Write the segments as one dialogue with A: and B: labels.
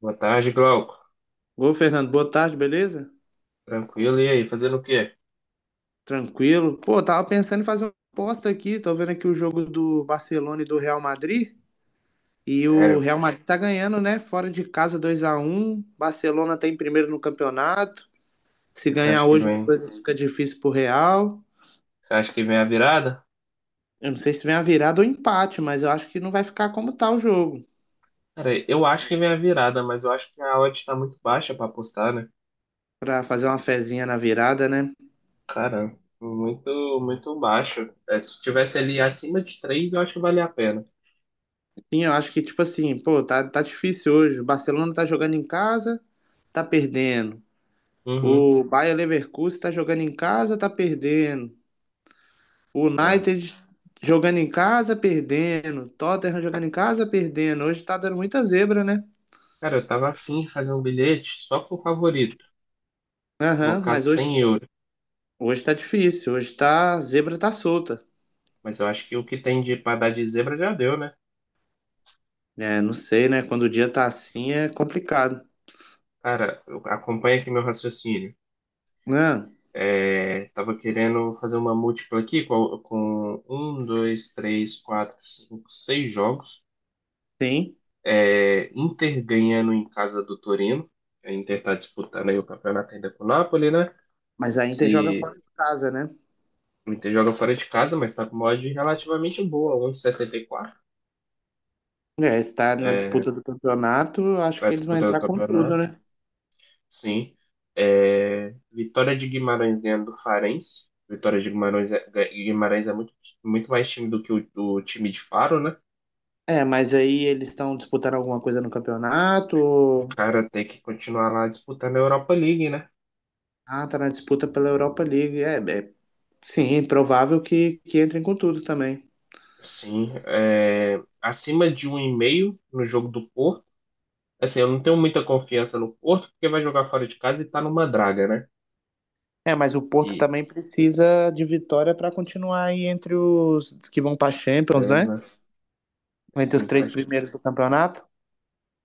A: Boa tarde, Glauco.
B: Ô, Fernando, boa tarde, beleza?
A: Tranquilo? E aí, fazendo o quê?
B: Tranquilo. Pô, tava pensando em fazer uma aposta aqui. Tô vendo aqui o jogo do Barcelona e do Real Madrid. E o
A: Sério?
B: Real Madrid tá ganhando, né? Fora de casa 2-1. Barcelona tá em primeiro no campeonato. Se
A: Você
B: ganhar
A: acha que
B: hoje, as
A: vem?
B: coisas ficam difíceis pro Real.
A: Você acha que vem a virada?
B: Eu não sei se vem a virada ou empate, mas eu acho que não vai ficar como tá o jogo.
A: Cara, eu acho que vem a virada, mas eu acho que a odd tá muito baixa pra apostar, né?
B: Pra fazer uma fezinha na virada, né?
A: Cara, muito, muito baixo. É, se tivesse ali acima de 3, eu acho que valia a pena.
B: Sim, eu acho que, tipo assim, pô, tá difícil hoje. O Barcelona tá jogando em casa, tá perdendo.
A: Uhum.
B: O Bayer Leverkusen está jogando em casa, está perdendo. O
A: É.
B: United jogando em casa, perdendo. Tottenham jogando em casa, perdendo. Hoje está dando muita zebra, né?
A: Cara, eu tava afim de fazer um bilhete só pro favorito,
B: Aham,
A: colocar
B: mas hoje,
A: €100.
B: hoje tá difícil. Hoje tá, a zebra tá solta.
A: Mas eu acho que o que tem de pra dar de zebra já deu, né?
B: É, não sei, né? Quando o dia tá assim é complicado.
A: Cara, acompanha aqui meu raciocínio.
B: Ah,
A: É, tava querendo fazer uma múltipla aqui com um, dois, três, quatro, cinco, seis jogos.
B: sim,
A: É, Inter ganhando em casa do Torino. A Inter está disputando aí o campeonato ainda com o Napoli, né?
B: mas a Inter joga fora
A: Se
B: de casa, né?
A: o Inter joga fora de casa, mas está com uma odd relativamente boa, um 1,64.
B: É, está na
A: É,
B: disputa do campeonato, acho
A: vai
B: que eles vão
A: disputando o
B: entrar com tudo,
A: campeonato,
B: né?
A: sim. É, Vitória de Guimarães ganhando do Farense. Vitória de Guimarães é muito, muito mais time do que o time de Faro, né?
B: É, mas aí eles estão disputando alguma coisa no campeonato?
A: Cara, tem que continuar lá disputando a Europa League, né?
B: Ah, tá na disputa pela Europa League. É, sim, provável que entrem com tudo também.
A: Sim, é, acima de um e meio no jogo do Porto. Assim, eu não tenho muita confiança no Porto, porque vai jogar fora de casa e tá numa draga, né?
B: É, mas o Porto
A: E
B: também precisa de vitória para continuar aí entre os que vão para Champions,
A: três,
B: né?
A: né?
B: Entre
A: Assim,
B: os
A: pra...
B: três primeiros do campeonato.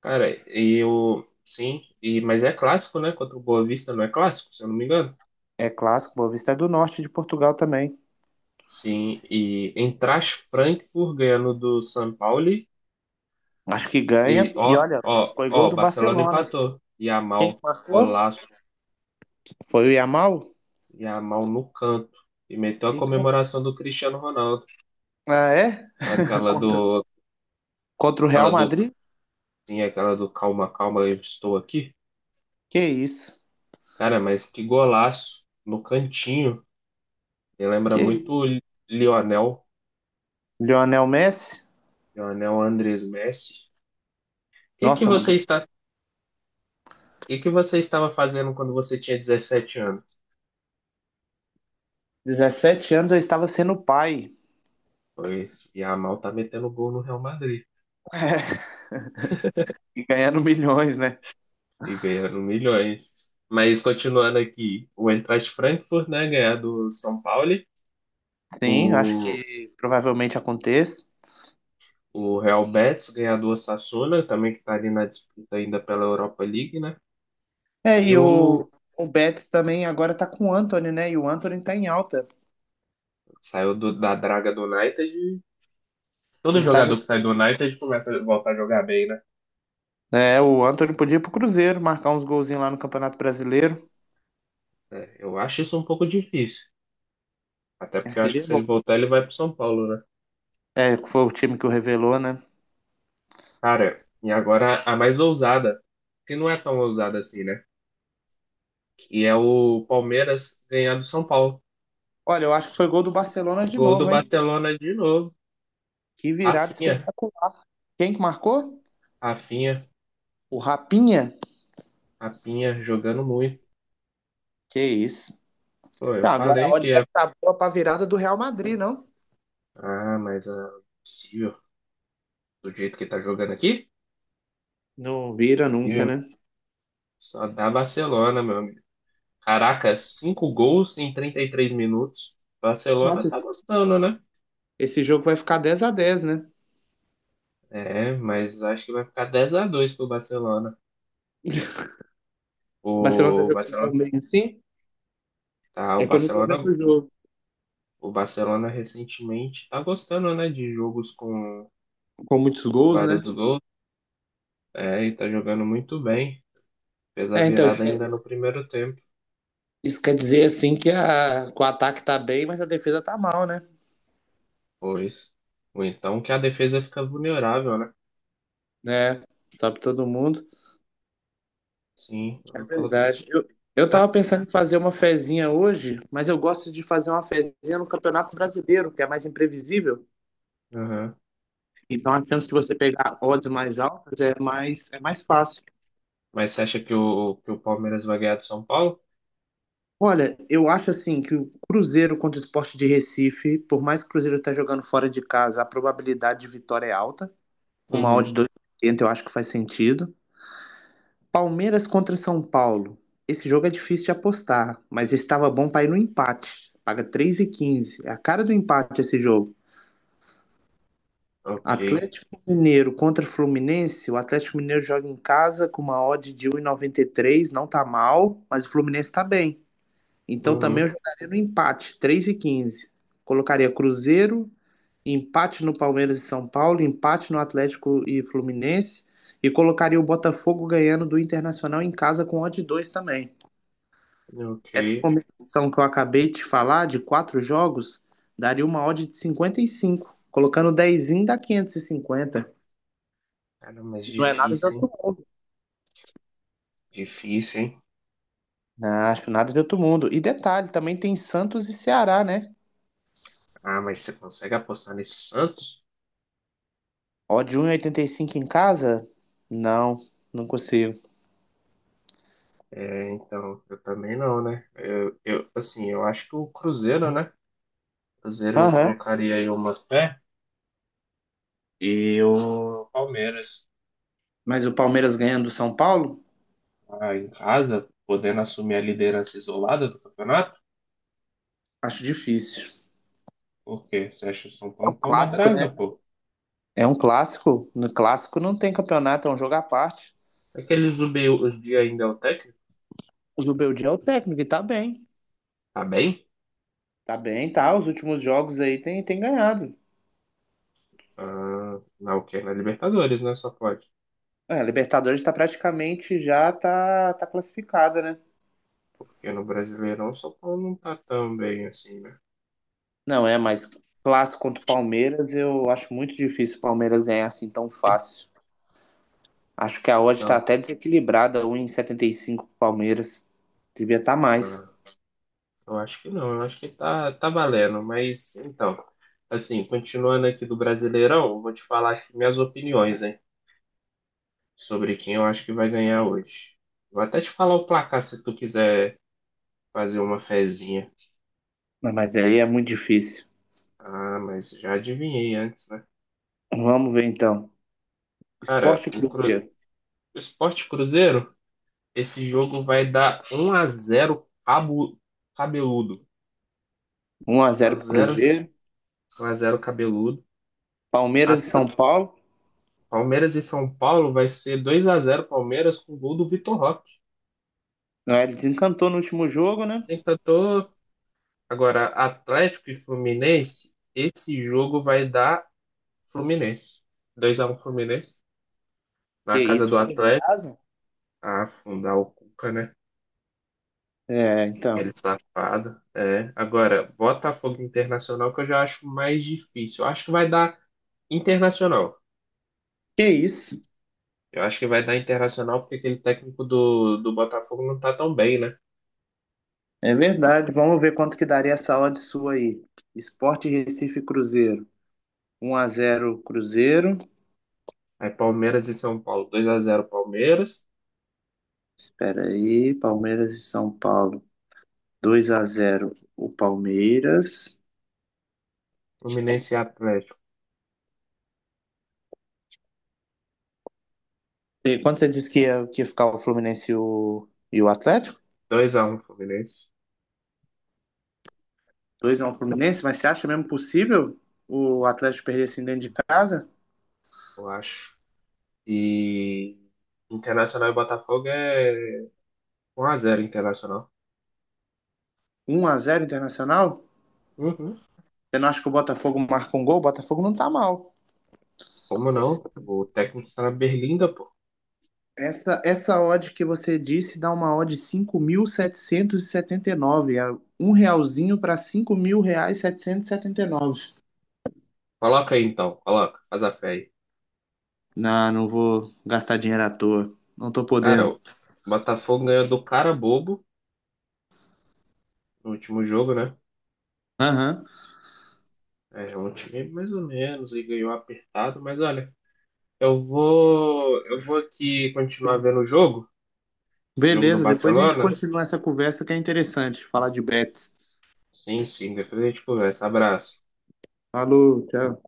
A: Cara, e eu. Sim, e... mas é clássico, né? Contra o Boa Vista não é clássico, se eu não me engano.
B: É clássico, Boa Vista é do norte de Portugal também.
A: Sim, e Eintracht Frankfurt ganhando do São Paulo.
B: Acho que
A: E
B: ganha. E
A: ó,
B: olha,
A: ó,
B: foi gol
A: ó,
B: do
A: Barcelona
B: Barcelona.
A: empatou.
B: Quem
A: Yamal,
B: marcou?
A: golaço.
B: Foi o Yamal?
A: E a mão no canto. E meteu a
B: E quem?
A: comemoração do Cristiano Ronaldo.
B: Ah, é?
A: Aquela
B: Contra,
A: do.
B: contra o
A: Aquela
B: Real
A: do.
B: Madrid?
A: Sim, aquela do calma, calma, eu estou aqui.
B: Que isso?
A: Cara, mas que golaço no cantinho. Me lembra
B: Que
A: muito
B: isso?
A: o Lionel.
B: Lionel Messi?
A: Lionel Andrés Messi. O que que
B: Nossa,
A: você está. O que que você estava fazendo quando você tinha 17 anos?
B: 17 anos eu estava sendo pai
A: Pois e a mal tá metendo gol no Real Madrid
B: e ganhando milhões, né?
A: e ganhando milhões. Mas continuando aqui, o Eintracht Frankfurt, né, ganhar do São Paulo,
B: Sim, acho
A: o
B: que provavelmente aconteça.
A: o Real Betis, ganhador Sassuolo, também que está ali na disputa ainda pela Europa League, né?
B: É,
A: E
B: e o,
A: o
B: o Betis também agora tá com o Anthony, né? E o Anthony tá em alta.
A: Saiu da draga do United. E todo
B: E tá
A: jogador que
B: jogando.
A: sai do United começa a voltar a jogar bem, né?
B: É, o Anthony podia ir pro Cruzeiro, marcar uns golzinhos lá no Campeonato Brasileiro.
A: Eu acho isso um pouco difícil. Até porque eu acho que
B: Seria
A: se
B: bom.
A: ele voltar, ele vai pro São Paulo, né?
B: É, foi o time que o revelou, né?
A: Cara, e agora a mais ousada, que não é tão ousada assim, né? Que é o Palmeiras ganhar do São Paulo.
B: Olha, eu acho que foi gol do Barcelona de
A: Gol do
B: novo, hein?
A: Barcelona de novo.
B: Que virada
A: Rafinha,
B: espetacular. Quem que marcou?
A: Rafinha,
B: O Rapinha?
A: Rapinha jogando muito.
B: Que isso.
A: Pô, eu
B: Ah, agora a
A: falei que
B: odd
A: ia.
B: deve estar boa pra virada do Real Madrid, não?
A: Ah, mas possível. Do jeito que tá jogando aqui?
B: Não vira nunca,
A: Possível.
B: né?
A: Só dá Barcelona, meu amigo. Caraca, cinco gols em 33 minutos. Barcelona
B: Nossa,
A: tá gostando, né?
B: esse jogo vai ficar 10-10, né?
A: É, mas acho que vai ficar 10-2 pro Barcelona.
B: O Barcelona tá
A: O
B: jogando
A: Barcelona,
B: tão bem assim.
A: tá, o
B: É que eu não tô
A: Barcelona,
B: vendo o jogo
A: o Barcelona recentemente tá gostando, né, de jogos com,
B: com muitos
A: com
B: gols, né?
A: vários gols. É, e tá jogando muito bem. Fez a
B: É, então, isso
A: virada
B: quer,
A: ainda no primeiro tempo.
B: isso quer dizer assim que o ataque tá bem, mas a defesa tá mal, né?
A: Pois. Ou então que a defesa fica vulnerável, né?
B: É, sobe todo mundo.
A: Sim,
B: É
A: eu coloquei aqui,
B: verdade. Eu
A: tá?
B: tava pensando em fazer uma fezinha hoje, mas eu gosto de fazer uma fezinha no Campeonato Brasileiro, que é mais imprevisível.
A: Uhum.
B: Então a chance de você pegar odds mais altas é mais fácil.
A: Mas você acha que o Palmeiras vai ganhar do São Paulo?
B: Olha, eu acho assim que o Cruzeiro contra o Sport de Recife, por mais que o Cruzeiro esteja jogando fora de casa, a probabilidade de vitória é alta. Com uma odd de
A: Uhum.
B: 2,80 eu acho que faz sentido. Palmeiras contra São Paulo. Esse jogo é difícil de apostar, mas estava bom para ir no empate. Paga 3,15. É a cara do empate esse jogo.
A: Ok.
B: Atlético Mineiro contra Fluminense. O Atlético Mineiro joga em casa com uma odd de um e noventa e três. Não tá mal, mas o Fluminense tá bem. Então também eu
A: Uhum.
B: jogaria no empate, 3,15. Colocaria Cruzeiro, empate no Palmeiras e São Paulo, empate no Atlético e Fluminense e colocaria o Botafogo ganhando do Internacional em casa com odd 2 também.
A: Ok.
B: Essa combinação que eu acabei de falar de quatro jogos daria uma odd de 55, colocando 10 dá 550. E cinquenta.
A: Cara, mas
B: E não é nada de
A: difícil, hein?
B: outro mundo.
A: Difícil, hein?
B: Não, acho nada de outro mundo. E detalhe, também tem Santos e Ceará, né?
A: Ah, mas você consegue apostar nesse Santos?
B: Ó, de 1,85 em casa? Não, não consigo.
A: É, então, eu também não, né? Assim, eu acho que o Cruzeiro, né? Cruzeiro eu
B: Aham.
A: colocaria aí uma fé e o Palmeiras
B: Mas o Palmeiras ganhando do São Paulo?
A: em casa, podendo assumir a liderança isolada do campeonato.
B: Acho difícil.
A: Por quê? Você acha que o São Paulo tá uma
B: Clássico,
A: draga,
B: né?
A: pô?
B: É um clássico. No clássico não tem campeonato, é um jogo à parte.
A: Aquele Zubei hoje dia ainda é o técnico?
B: O Zubeldia é o técnico e tá bem.
A: Tá bem?
B: Tá bem, tá. Os últimos jogos aí tem ganhado.
A: Ah, na o quê? Na Libertadores, né? Só pode.
B: É, a Libertadores tá praticamente já tá classificada, né?
A: Porque no Brasileirão o São Paulo não tá tão bem assim, né?
B: Não é, mas clássico contra o Palmeiras, eu acho muito difícil o Palmeiras ganhar assim tão fácil. Acho que a odd está
A: Não,
B: até desequilibrada, 1,75 pro Palmeiras. Devia estar tá mais,
A: ah, eu acho que não. Eu acho que tá valendo. Mas, então, assim, continuando aqui do Brasileirão, eu vou te falar aqui minhas opiniões, hein? Sobre quem eu acho que vai ganhar hoje. Vou até te falar o placar se tu quiser fazer uma fezinha.
B: mas aí é muito difícil.
A: Ah, mas já adivinhei antes, né?
B: Vamos ver então.
A: Cara,
B: Sport Cruzeiro,
A: o Sport Cruzeiro. Esse jogo vai dar um a zero cabeludo.
B: 1 a
A: 1 a
B: 0 pro
A: zero
B: Cruzeiro.
A: 1 a zero cabeludo. A
B: Palmeiras e São
A: t-
B: Paulo.
A: Palmeiras e São Paulo vai ser 2-0 Palmeiras com gol do Vitor Roque.
B: Não, ele desencantou no último jogo, né?
A: Sempre tô... Agora, Atlético e Fluminense, esse jogo vai dar Fluminense, 2-1 Fluminense
B: Que
A: na casa
B: isso,
A: do
B: fora de
A: Atlético.
B: casa?
A: Ah, afundar o Cuca, né?
B: É, então.
A: Aquele safado. É. Agora, Botafogo e Internacional que eu já acho mais difícil. Eu acho que vai dar Internacional.
B: Que isso.
A: Eu acho que vai dar Internacional porque aquele técnico do Botafogo não tá tão bem, né?
B: É verdade. Vamos ver quanto que daria essa odd sua aí. Sport Recife Cruzeiro. 1-0 Cruzeiro.
A: Aí Palmeiras e São Paulo, 2-0 Palmeiras,
B: Espera aí, Palmeiras e São Paulo. 2-0 o Palmeiras.
A: Fluminense e Atlético,
B: E quanto você disse que ia ficar o Fluminense e o Atlético?
A: 2-1 Fluminense,
B: Dois a 1 Fluminense, mas você acha mesmo possível o Atlético perder assim dentro de casa?
A: eu acho. E Internacional e Botafogo é 1-0 Internacional.
B: 1-0 Internacional?
A: Uhum.
B: Você não acha que o Botafogo marca um gol? O Botafogo não tá mal.
A: Como não? O técnico está na Berlinda, pô.
B: Essa odd que você disse dá uma odd de 5.779. É um realzinho para cinco mil reais setecentos e setenta e nove.
A: Coloca aí então, coloca, faz a fé aí.
B: Não, não vou gastar dinheiro à toa. Não tô
A: Cara,
B: podendo.
A: o Botafogo ganhou do cara bobo no último jogo, né?
B: Aham.
A: É um time mais ou menos e ganhou apertado, mas olha. Eu vou aqui continuar vendo o jogo do
B: Beleza, depois a gente
A: Barcelona.
B: continua essa conversa que é interessante falar de bets.
A: Sim, sim, depois a gente conversa. Abraço.
B: Falou, tchau.